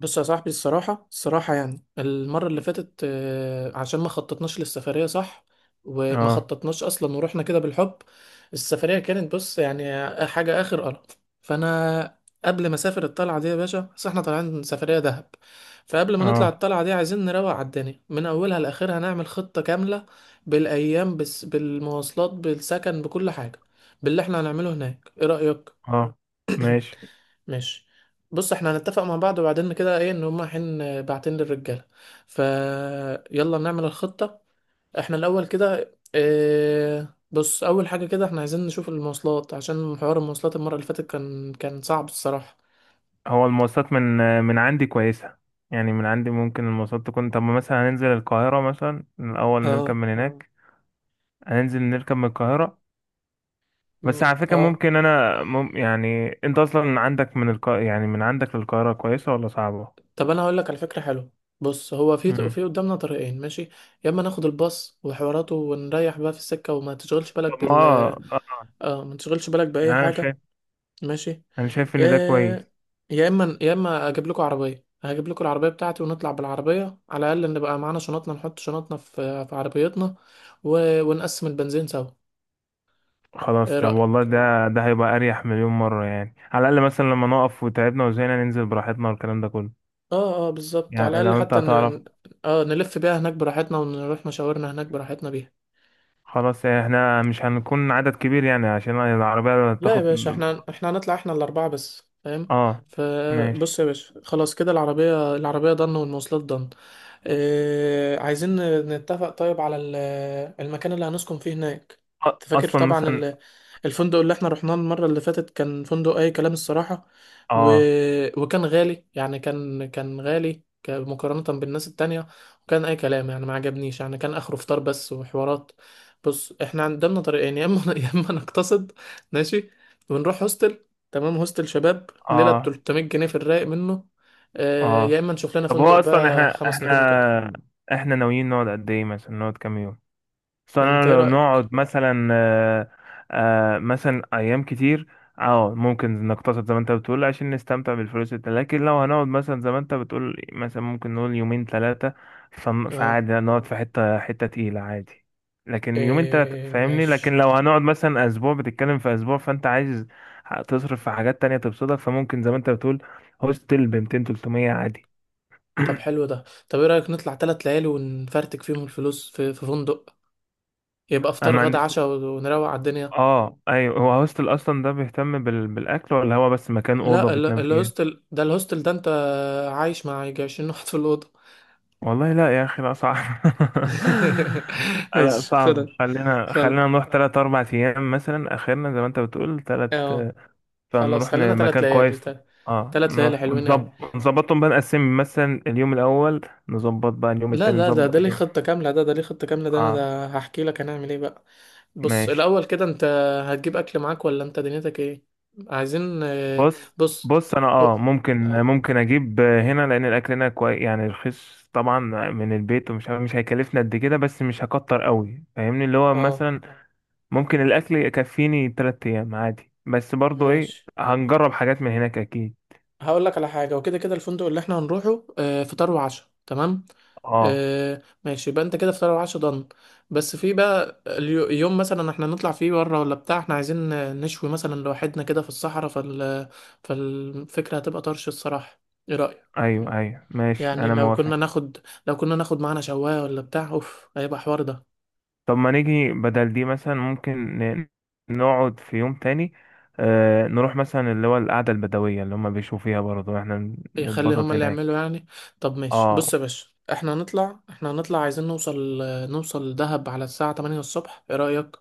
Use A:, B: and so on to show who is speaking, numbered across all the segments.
A: بص يا صاحبي، الصراحة يعني المرة اللي فاتت، عشان ما خططناش للسفرية، صح؟ وما
B: اه،
A: خططناش أصلا ورحنا كده بالحب. السفرية كانت، بص، يعني حاجة آخر قرف. فأنا قبل ما أسافر الطلعة دي يا باشا، بس احنا طالعين سفرية دهب، فقبل ما نطلع
B: اه،
A: الطلعة دي عايزين نروق على الدنيا من أولها لآخرها، نعمل خطة كاملة بالأيام، بس، بالمواصلات، بالسكن، بكل حاجة، باللي احنا هنعمله هناك. إيه رأيك؟
B: اه، ماشي.
A: ماشي. بص، احنا هنتفق مع بعض، وبعدين كده ايه ان هما حين بعتين للرجاله. ف يلا نعمل الخطه. احنا الاول كده، اه، بص، اول حاجه كده احنا عايزين نشوف المواصلات، عشان حوار المواصلات المره اللي فاتت كان صعب الصراحه.
B: هو المواصلات من عندي كويسة، يعني من عندي ممكن المواصلات تكون. طب مثلا هننزل القاهرة مثلا الأول، نركب
A: اه،
B: من هناك، هننزل نركب من القاهرة. بس
A: مم،
B: على فكرة
A: اه.
B: ممكن أنا يعني أنت أصلا عندك من يعني من عندك للقاهرة كويسة ولا صعبة؟
A: طب انا هقول لك على فكره حلوه. بص، هو في
B: مم.
A: في قدامنا طريقين، ماشي؟ يا اما ناخد الباص وحواراته ونريح بقى في السكه، وما تشغلش
B: طب
A: بالك
B: ما
A: بال،
B: آه، آه،
A: اه، ما تشغلش بالك باي
B: يعني
A: حاجه. ماشي.
B: أنا شايف إن ده كويس.
A: يا يا اما اجيب لكم عربيه، هجيب لكم العربيه بتاعتي ونطلع بالعربيه، على الاقل نبقى معانا شنطنا، نحط شنطنا في عربيتنا، ونقسم البنزين سوا.
B: خلاص،
A: ايه
B: طب والله
A: رايك؟
B: ده هيبقى أريح مليون مرة، يعني على الأقل مثلا لما نقف وتعبنا وزهقنا ننزل براحتنا والكلام ده كله.
A: اه اه، بالظبط، على
B: يعني
A: الاقل
B: لو انت
A: حتى
B: هتعرف.
A: اه نلف بيها هناك براحتنا، ونروح مشاورنا هناك براحتنا بيها.
B: خلاص، يعني احنا مش هنكون عدد كبير يعني عشان العربية
A: لا يا
B: تاخد.
A: باشا، احنا هنطلع احنا الاربعه بس، فاهم؟
B: اه، ماشي.
A: فبص يا باشا، خلاص كده، العربيه العربيه ضن، والمواصلات ضن. إيه عايزين؟ نتفق طيب على المكان اللي هنسكن فيه هناك. انت فاكر
B: اصلا
A: طبعا
B: مثلا.
A: الفندق اللي احنا رحناه المرة اللي فاتت؟ كان فندق اي كلام الصراحة، و...
B: اه،
A: وكان غالي يعني، كان غالي، مقارنة بالناس التانية، وكان اي كلام يعني، ما عجبنيش، يعني كان اخره فطار بس وحوارات. بص، احنا قدامنا طريقين، يا اما يا اما نقتصد، ماشي، ونروح هوستل. تمام، هوستل شباب، ليلة ب
B: اه،
A: 300 جنيه، في الرايق منه. آه، يا
B: اه،
A: اما نشوف لنا
B: طب
A: فندق
B: هو اصلا
A: بقى خمس نجوم وكده.
B: احنا ناويين نقعد قد ايه، مثلا نقعد كام يوم؟ اصل
A: انت
B: انا
A: ايه
B: لو
A: رأيك؟
B: نقعد مثلا مثلا ايام كتير. اه ممكن نقتصد زي ما انت بتقول عشان نستمتع بالفلوس لكن لو هنقعد مثلا زي ما انت بتقول، مثلا ممكن نقول يومين ثلاثة.
A: اه،
B: فعادي نقعد في حتة تقيلة عادي، لكن يومين ثلاثة
A: إيه،
B: فاهمني. لكن
A: ماشي.
B: لو هنقعد مثلا اسبوع، بتتكلم في اسبوع فانت عايز تصرف في حاجات تانية تبسطك، فممكن زي ما انت بتقول هوستل ب 200 300 عادي.
A: طب حلو ده. طب ايه رأيك نطلع تلات ليالي ونفرتك فيهم الفلوس في فندق، يبقى
B: انا
A: افطار
B: ما
A: غدا
B: عنديش.
A: عشاء ونروق على الدنيا.
B: اه ايوه، هو هوستل اصلا ده بيهتم بالاكل، ولا هو بس مكان اوضه
A: لا،
B: بتنام فيها؟
A: الهوستل ده، الهوستل ده انت عايش مع يجي 20 واحد في الأوضة.
B: والله لا يا اخي، لا صعب. لا
A: ماشي،
B: صعب.
A: خدها.
B: خلينا
A: خلاص،
B: خلينا نروح تلات اربع ايام مثلا اخرنا، زي ما انت بتقول تلات.
A: اه، خلاص،
B: فنروح
A: خلينا تلات
B: لمكان
A: ليالي
B: كويس. اه
A: تلات ليالي
B: نروح
A: حلوين قوي.
B: ونظبط، نظبطهم بقى، نقسم مثلا اليوم الاول، نظبط بقى اليوم
A: لا
B: التاني،
A: لا ده
B: نظبط
A: ده ليه
B: اليوم.
A: خطة كاملة، ده ليه خطة كاملة، ده انا
B: اه،
A: ده هحكي لك هنعمل ايه بقى. بص،
B: ماشي.
A: الأول كده، أنت هتجيب أكل معاك ولا أنت دنيتك إيه؟ عايزين،
B: بص
A: بص،
B: بص. انا اه
A: أو-
B: ممكن
A: اه
B: ممكن اجيب هنا لان الاكل هنا كويس يعني رخيص طبعا، من البيت، مش هيكلفني قد كده، بس مش هكتر قوي فاهمني، اللي هو
A: اه،
B: مثلا ممكن الاكل يكفيني تلات ايام عادي. بس برضو ايه،
A: ماشي،
B: هنجرب حاجات من هناك اكيد.
A: هقول لك على حاجة. وكده كده الفندق اللي احنا هنروحه، فطار وعشاء، تمام؟
B: اه،
A: آه، ماشي، يبقى انت كده فطار وعشاء ضن. بس في بقى يوم مثلا احنا نطلع فيه بره، ولا بتاع احنا عايزين، نشوي مثلا لوحدنا كده في الصحراء، فالفكرة هتبقى طرش الصراحة. ايه رأيك؟
B: ايوه، ايوه، ماشي،
A: يعني
B: انا
A: لو
B: موافق.
A: كنا ناخد، لو كنا ناخد معانا شواية ولا بتاع، اوف، هيبقى حوار ده.
B: طب ما نيجي بدل دي، مثلا ممكن نقعد في يوم تاني، آه نروح مثلا اللي هو القعدة البدوية اللي هم بيشوفوا فيها، برضو احنا
A: يخلي هما
B: نتبسط
A: اللي يعملوا
B: هناك.
A: يعني. طب ماشي،
B: اه،
A: بص يا باشا، احنا هنطلع عايزين نوصل، نوصل دهب على الساعة 8 الصبح. ايه رأيك؟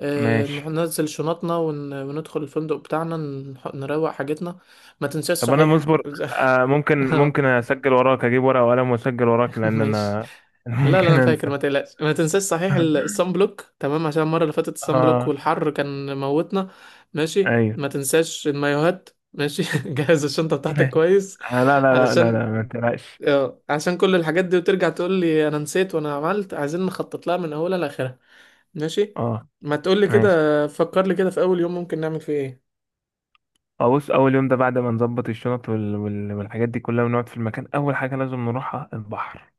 A: اه،
B: ماشي.
A: ننزل شنطنا وندخل الفندق بتاعنا، نروق حاجتنا. ما تنساش
B: طب انا
A: صحيح.
B: مصبر. آه ممكن
A: اه،
B: ممكن اسجل وراك، اجيب ورقه وقلم واسجل وراك لان
A: ماشي.
B: انا أنا
A: لا لا،
B: ممكن
A: انا فاكر، ما
B: انسى.
A: تقلقش. ما تنساش صحيح الصن بلوك، تمام؟ عشان المره اللي فاتت الصن بلوك
B: اه،
A: والحر كان موتنا. ماشي،
B: ايوه.
A: ما تنساش المايوهات، ماشي. جهز الشنطه بتاعتك
B: ماشي.
A: كويس،
B: آه، لا، لا، لا، لا،
A: علشان،
B: لا، ما تقلقش.
A: اه، عشان كل الحاجات دي وترجع تقول لي انا نسيت، وانا عملت، عايزين نخطط لها من اولها لاخرها. ماشي.
B: اه،
A: ما تقول لي كده،
B: ماشي.
A: فكر لي كده في اول يوم ممكن نعمل فيه ايه.
B: آه، بص اول يوم ده بعد ما نظبط الشنط والحاجات دي كلها، ونقعد في المكان، اول حاجه لازم نروحها البحر،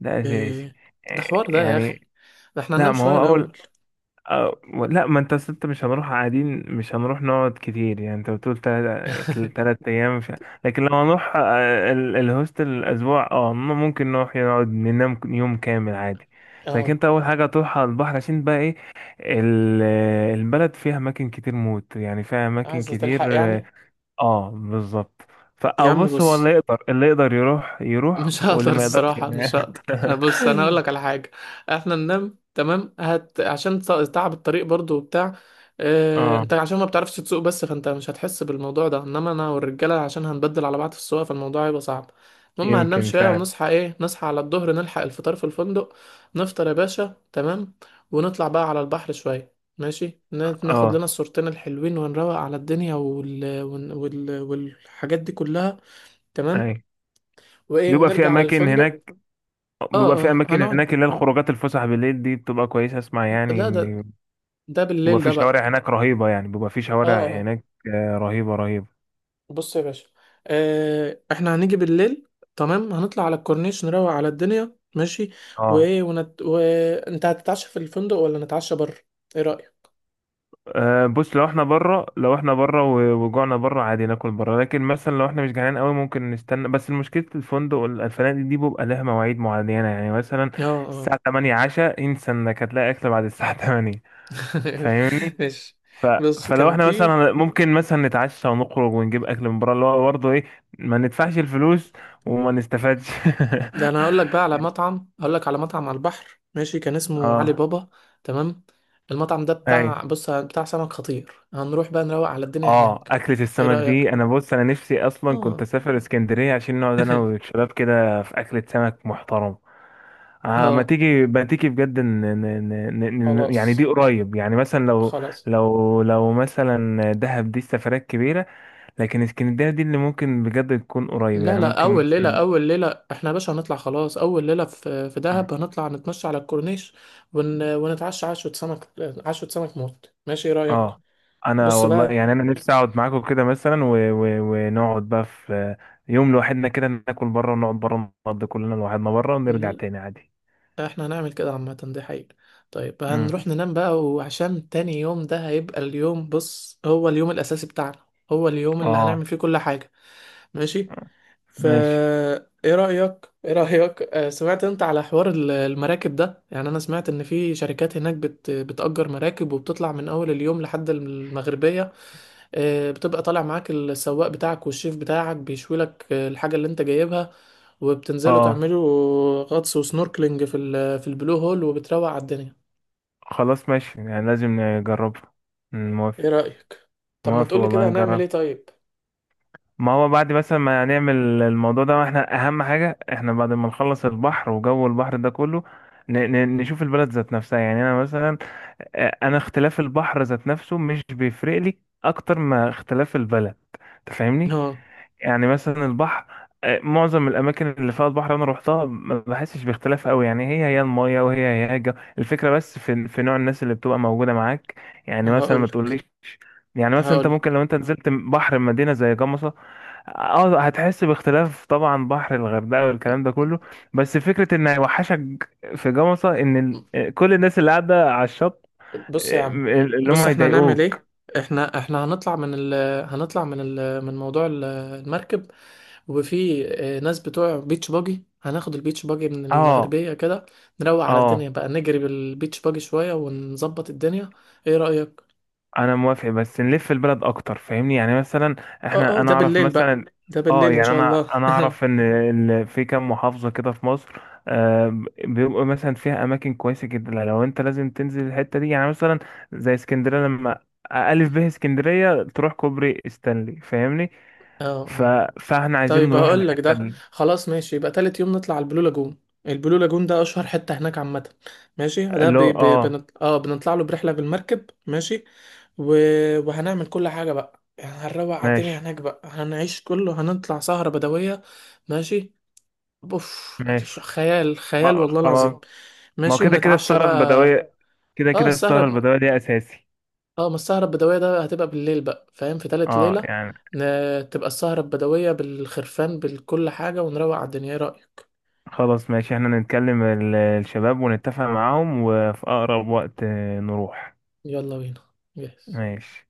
B: ده اساسي.
A: ايه؟ ده
B: آه،
A: حوار ده يا اخي،
B: يعني
A: ده احنا
B: لا
A: هننام
B: ما
A: شويه
B: هو اول.
A: الاول.
B: أه لا ما انت أصل انت مش هنروح قاعدين، مش هنروح نقعد كتير يعني. انت بتقول تلات تلات ايام مش... لكن لو هنروح آه، الهوستل الاسبوع، ممكن نروح نقعد ننام يوم كامل عادي. لكن
A: اه،
B: انت اول حاجه تروح على البحر عشان بقى ايه، ال- البلد فيها اماكن كتير موت، يعني فيها اماكن
A: عايزه تلحق
B: كتير اه،
A: يعني.
B: آه، بالظبط. فا
A: يا
B: او
A: عم
B: بص هو
A: بص،
B: اللي يقدر يروح يروح،
A: مش
B: واللي
A: هقدر
B: ما يقدرش
A: الصراحة، مش
B: ينام.
A: هقدر. آه، بص، أنا هقول لك على حاجة، إحنا ننام تمام، هت، عشان تعب الطريق برضو وبتاع، اه...
B: اه،
A: أنت عشان ما بتعرفش تسوق بس، فأنت مش هتحس بالموضوع ده، إنما أنا والرجالة عشان هنبدل على بعض في السواقة، فالموضوع هيبقى صعب. المهم، هننام
B: يمكن
A: شوية
B: فعلا.
A: ونصحى، إيه، نصحى على الظهر، نلحق الفطار في الفندق. نفطر يا باشا، تمام، ونطلع بقى على البحر شوية، ماشي، ناخد لنا
B: اه،
A: الصورتين الحلوين ونروق على الدنيا والحاجات دي كلها. تمام.
B: اي.
A: وايه،
B: بيبقى في
A: ونرجع على
B: اماكن
A: الفندق.
B: هناك
A: اه
B: بيبقى في
A: اه،
B: اماكن
A: هنقعد،
B: هناك اللي هي الخروجات، الفسح بالليل دي بتبقى كويسه، اسمع يعني
A: لا، ده،
B: ان
A: ده بالليل ده بقى.
B: بيبقى في
A: اه
B: شوارع
A: اه،
B: هناك آه، رهيبه.
A: بص يا باشا، آه، احنا هنيجي بالليل، تمام، هنطلع على الكورنيش، نروق على الدنيا، ماشي.
B: اه،
A: وايه، وانت هتتعشى في الفندق ولا نتعشى بره؟ ايه رأيك؟
B: آه، بص لو احنا بره، وجوعنا بره عادي ناكل بره. لكن مثلا لو احنا مش جعانين قوي ممكن نستنى، بس مشكله الفندق الفنادق دي بيبقى لها مواعيد معينه، يعني مثلا
A: اه اه.
B: الساعه 8 عشاء، انسى انك هتلاقي اكل بعد الساعه 8 فاهمني.
A: ماشي.
B: ف...
A: بص،
B: فلو
A: كان
B: احنا
A: في،
B: مثلا ممكن مثلا نتعشى ونخرج ونجيب اكل من بره، اللي هو برضه ايه، ما ندفعش الفلوس وما نستفادش.
A: ده انا هقول لك بقى على مطعم، هقول لك على مطعم على البحر ماشي، كان اسمه علي
B: اه،
A: بابا. تمام، المطعم ده بتاع،
B: ايوه.
A: بص، بتاع سمك خطير، هنروح بقى نروق على الدنيا
B: اه،
A: هناك.
B: اكلة
A: ايه
B: السمك
A: رأيك؟
B: دي انا بص، انا نفسي اصلا كنت
A: اه.
B: اسافر اسكندرية عشان نقعد انا والشباب كده في اكلة سمك محترم. آه ما
A: اه،
B: تيجي، ما تيجي بجد ن... يعني دي
A: خلاص
B: قريب، يعني مثلا لو
A: خلاص.
B: لو مثلا دهب دي السفرات كبيرة، لكن اسكندرية دي اللي ممكن بجد تكون قريب
A: لا
B: يعني
A: لا
B: ممكن
A: اول ليله
B: مثلا.
A: اول ليله احنا يا باشا هنطلع، خلاص، اول ليله في
B: آه.
A: دهب هنطلع نتمشى على الكورنيش، ونتعشى عشوه سمك، عشوه سمك موت، ماشي، ايه رايك؟
B: اه انا
A: بص
B: والله
A: بقى،
B: يعني انا نفسي اقعد معاكم كده مثلا ونقعد بقى في يوم لوحدنا كده، ناكل بره ونقعد بره، نقضي كلنا لوحدنا بره ونرجع
A: ال-
B: تاني عادي.
A: احنا هنعمل كده عامه، دي حقيقه. طيب،
B: امم.
A: هنروح ننام بقى، وعشان تاني يوم ده هيبقى اليوم، بص، هو اليوم الاساسي بتاعنا، هو اليوم اللي
B: اه،
A: هنعمل فيه كل حاجه، ماشي؟ فا
B: ماشي.
A: ايه رأيك، ايه رأيك، سمعت انت على حوار المراكب ده؟ يعني انا سمعت ان في شركات هناك بتأجر مراكب، وبتطلع من اول اليوم لحد المغربية، آه، بتبقى طالع معاك السواق بتاعك والشيف بتاعك بيشوي لك، آه، الحاجة اللي انت جايبها، وبتنزلوا
B: اه،
A: تعملوا غطس وسنوركلينج في في البلو هول، وبتروق على الدنيا.
B: خلاص ماشي، يعني لازم نجربها. أمم،
A: ايه
B: موافق.
A: رأيك؟ طب ما
B: موافق
A: تقولي
B: والله
A: كده هنعمل ايه
B: نجرب.
A: طيب.
B: ما هو بعد مثلا ما نعمل الموضوع ده احنا، اهم حاجة احنا بعد ما نخلص البحر وجو البحر ده كله نشوف البلد ذات نفسها. يعني انا مثلا آه، انا اختلاف البحر ذات نفسه مش بيفرق لي اكتر ما اختلاف البلد، تفهمني.
A: اه،
B: يعني مثلا البحر آه، معظم الاماكن اللي فيها البحر انا روحتها ما بحسش باختلاف قوي، يعني هي هي المايه وهي هي الجو. الفكره بس في نوع الناس اللي بتبقى موجوده معاك. يعني مثلا ما
A: هقولك،
B: تقوليش، يعني مثلا انت
A: هقولك،
B: ممكن لو انت نزلت بحر مدينه زي جمصه، اه هتحس باختلاف طبعا، بحر الغردقه والكلام ده كله. بس فكره ان هيوحشك في جمصه ان آه، كل الناس اللي قاعده على الشط
A: بص يا
B: آه،
A: عم،
B: اللي هم
A: بص،
B: مش
A: احنا هنعمل
B: يضايقوك صاحبك.
A: ايه. احنا هنطلع من هنطلع من ال، من موضوع المركب، وفي، اه، ناس بتوع بيتش باجي، هناخد البيتش باجي من
B: اه،
A: المغربية كده، نروق على
B: اه،
A: الدنيا بقى، نجري بالبيتش باجي شوية ونظبط الدنيا. ايه رأيك؟
B: انا موافق، بس نلف البلد اكتر فاهمني. يعني مثلا
A: اه
B: احنا،
A: اه،
B: انا
A: ده
B: اعرف
A: بالليل بقى،
B: مثلا
A: ده
B: اه
A: بالليل ان
B: يعني
A: شاء
B: انا
A: الله.
B: انا اعرف ان في كام محافظه كده في مصر آه بيبقوا مثلا فيها اماكن كويسه جدا، لو انت لازم تنزل الحته دي. يعني مثلا زي اسكندريه لما الف به اسكندريه تروح كوبري ستانلي فاهمني.
A: اه
B: ف...
A: اه.
B: فاحنا عايزين
A: طيب
B: نروح
A: هقول لك،
B: الحته
A: ده خلاص ماشي، يبقى تالت يوم نطلع على البلو لاجون. البلو لاجون ده اشهر حتة هناك عامة، ماشي. ده
B: اللي هو
A: بي بي
B: اه.
A: بنط... اه بنطلع له برحلة بالمركب، ماشي، و... وهنعمل كل حاجة بقى، يعني هنروق على الدنيا
B: ماشي،
A: هناك بقى، هنعيش كله، هنطلع سهرة بدوية، ماشي. اوف،
B: ماشي.
A: خيال، خيال
B: اه،
A: والله
B: خلاص.
A: العظيم.
B: ما هو
A: ماشي،
B: كده كده
A: ونتعشى
B: السهره
A: بقى.
B: البدويه،
A: اه، السهرة،
B: دي اساسي.
A: اه، ما السهرة البدوية ده هتبقى بالليل بقى، فاهم، في تالت
B: اه
A: ليلة،
B: يعني
A: تبقى السهرة البدوية بالخرفان بكل حاجة، ونروق على الدنيا. ايه رأيك؟
B: خلاص ماشي، احنا نتكلم الشباب ونتفق معاهم، وفي أقرب وقت آه، نروح.
A: يلا بينا، جاهز.
B: ماشي.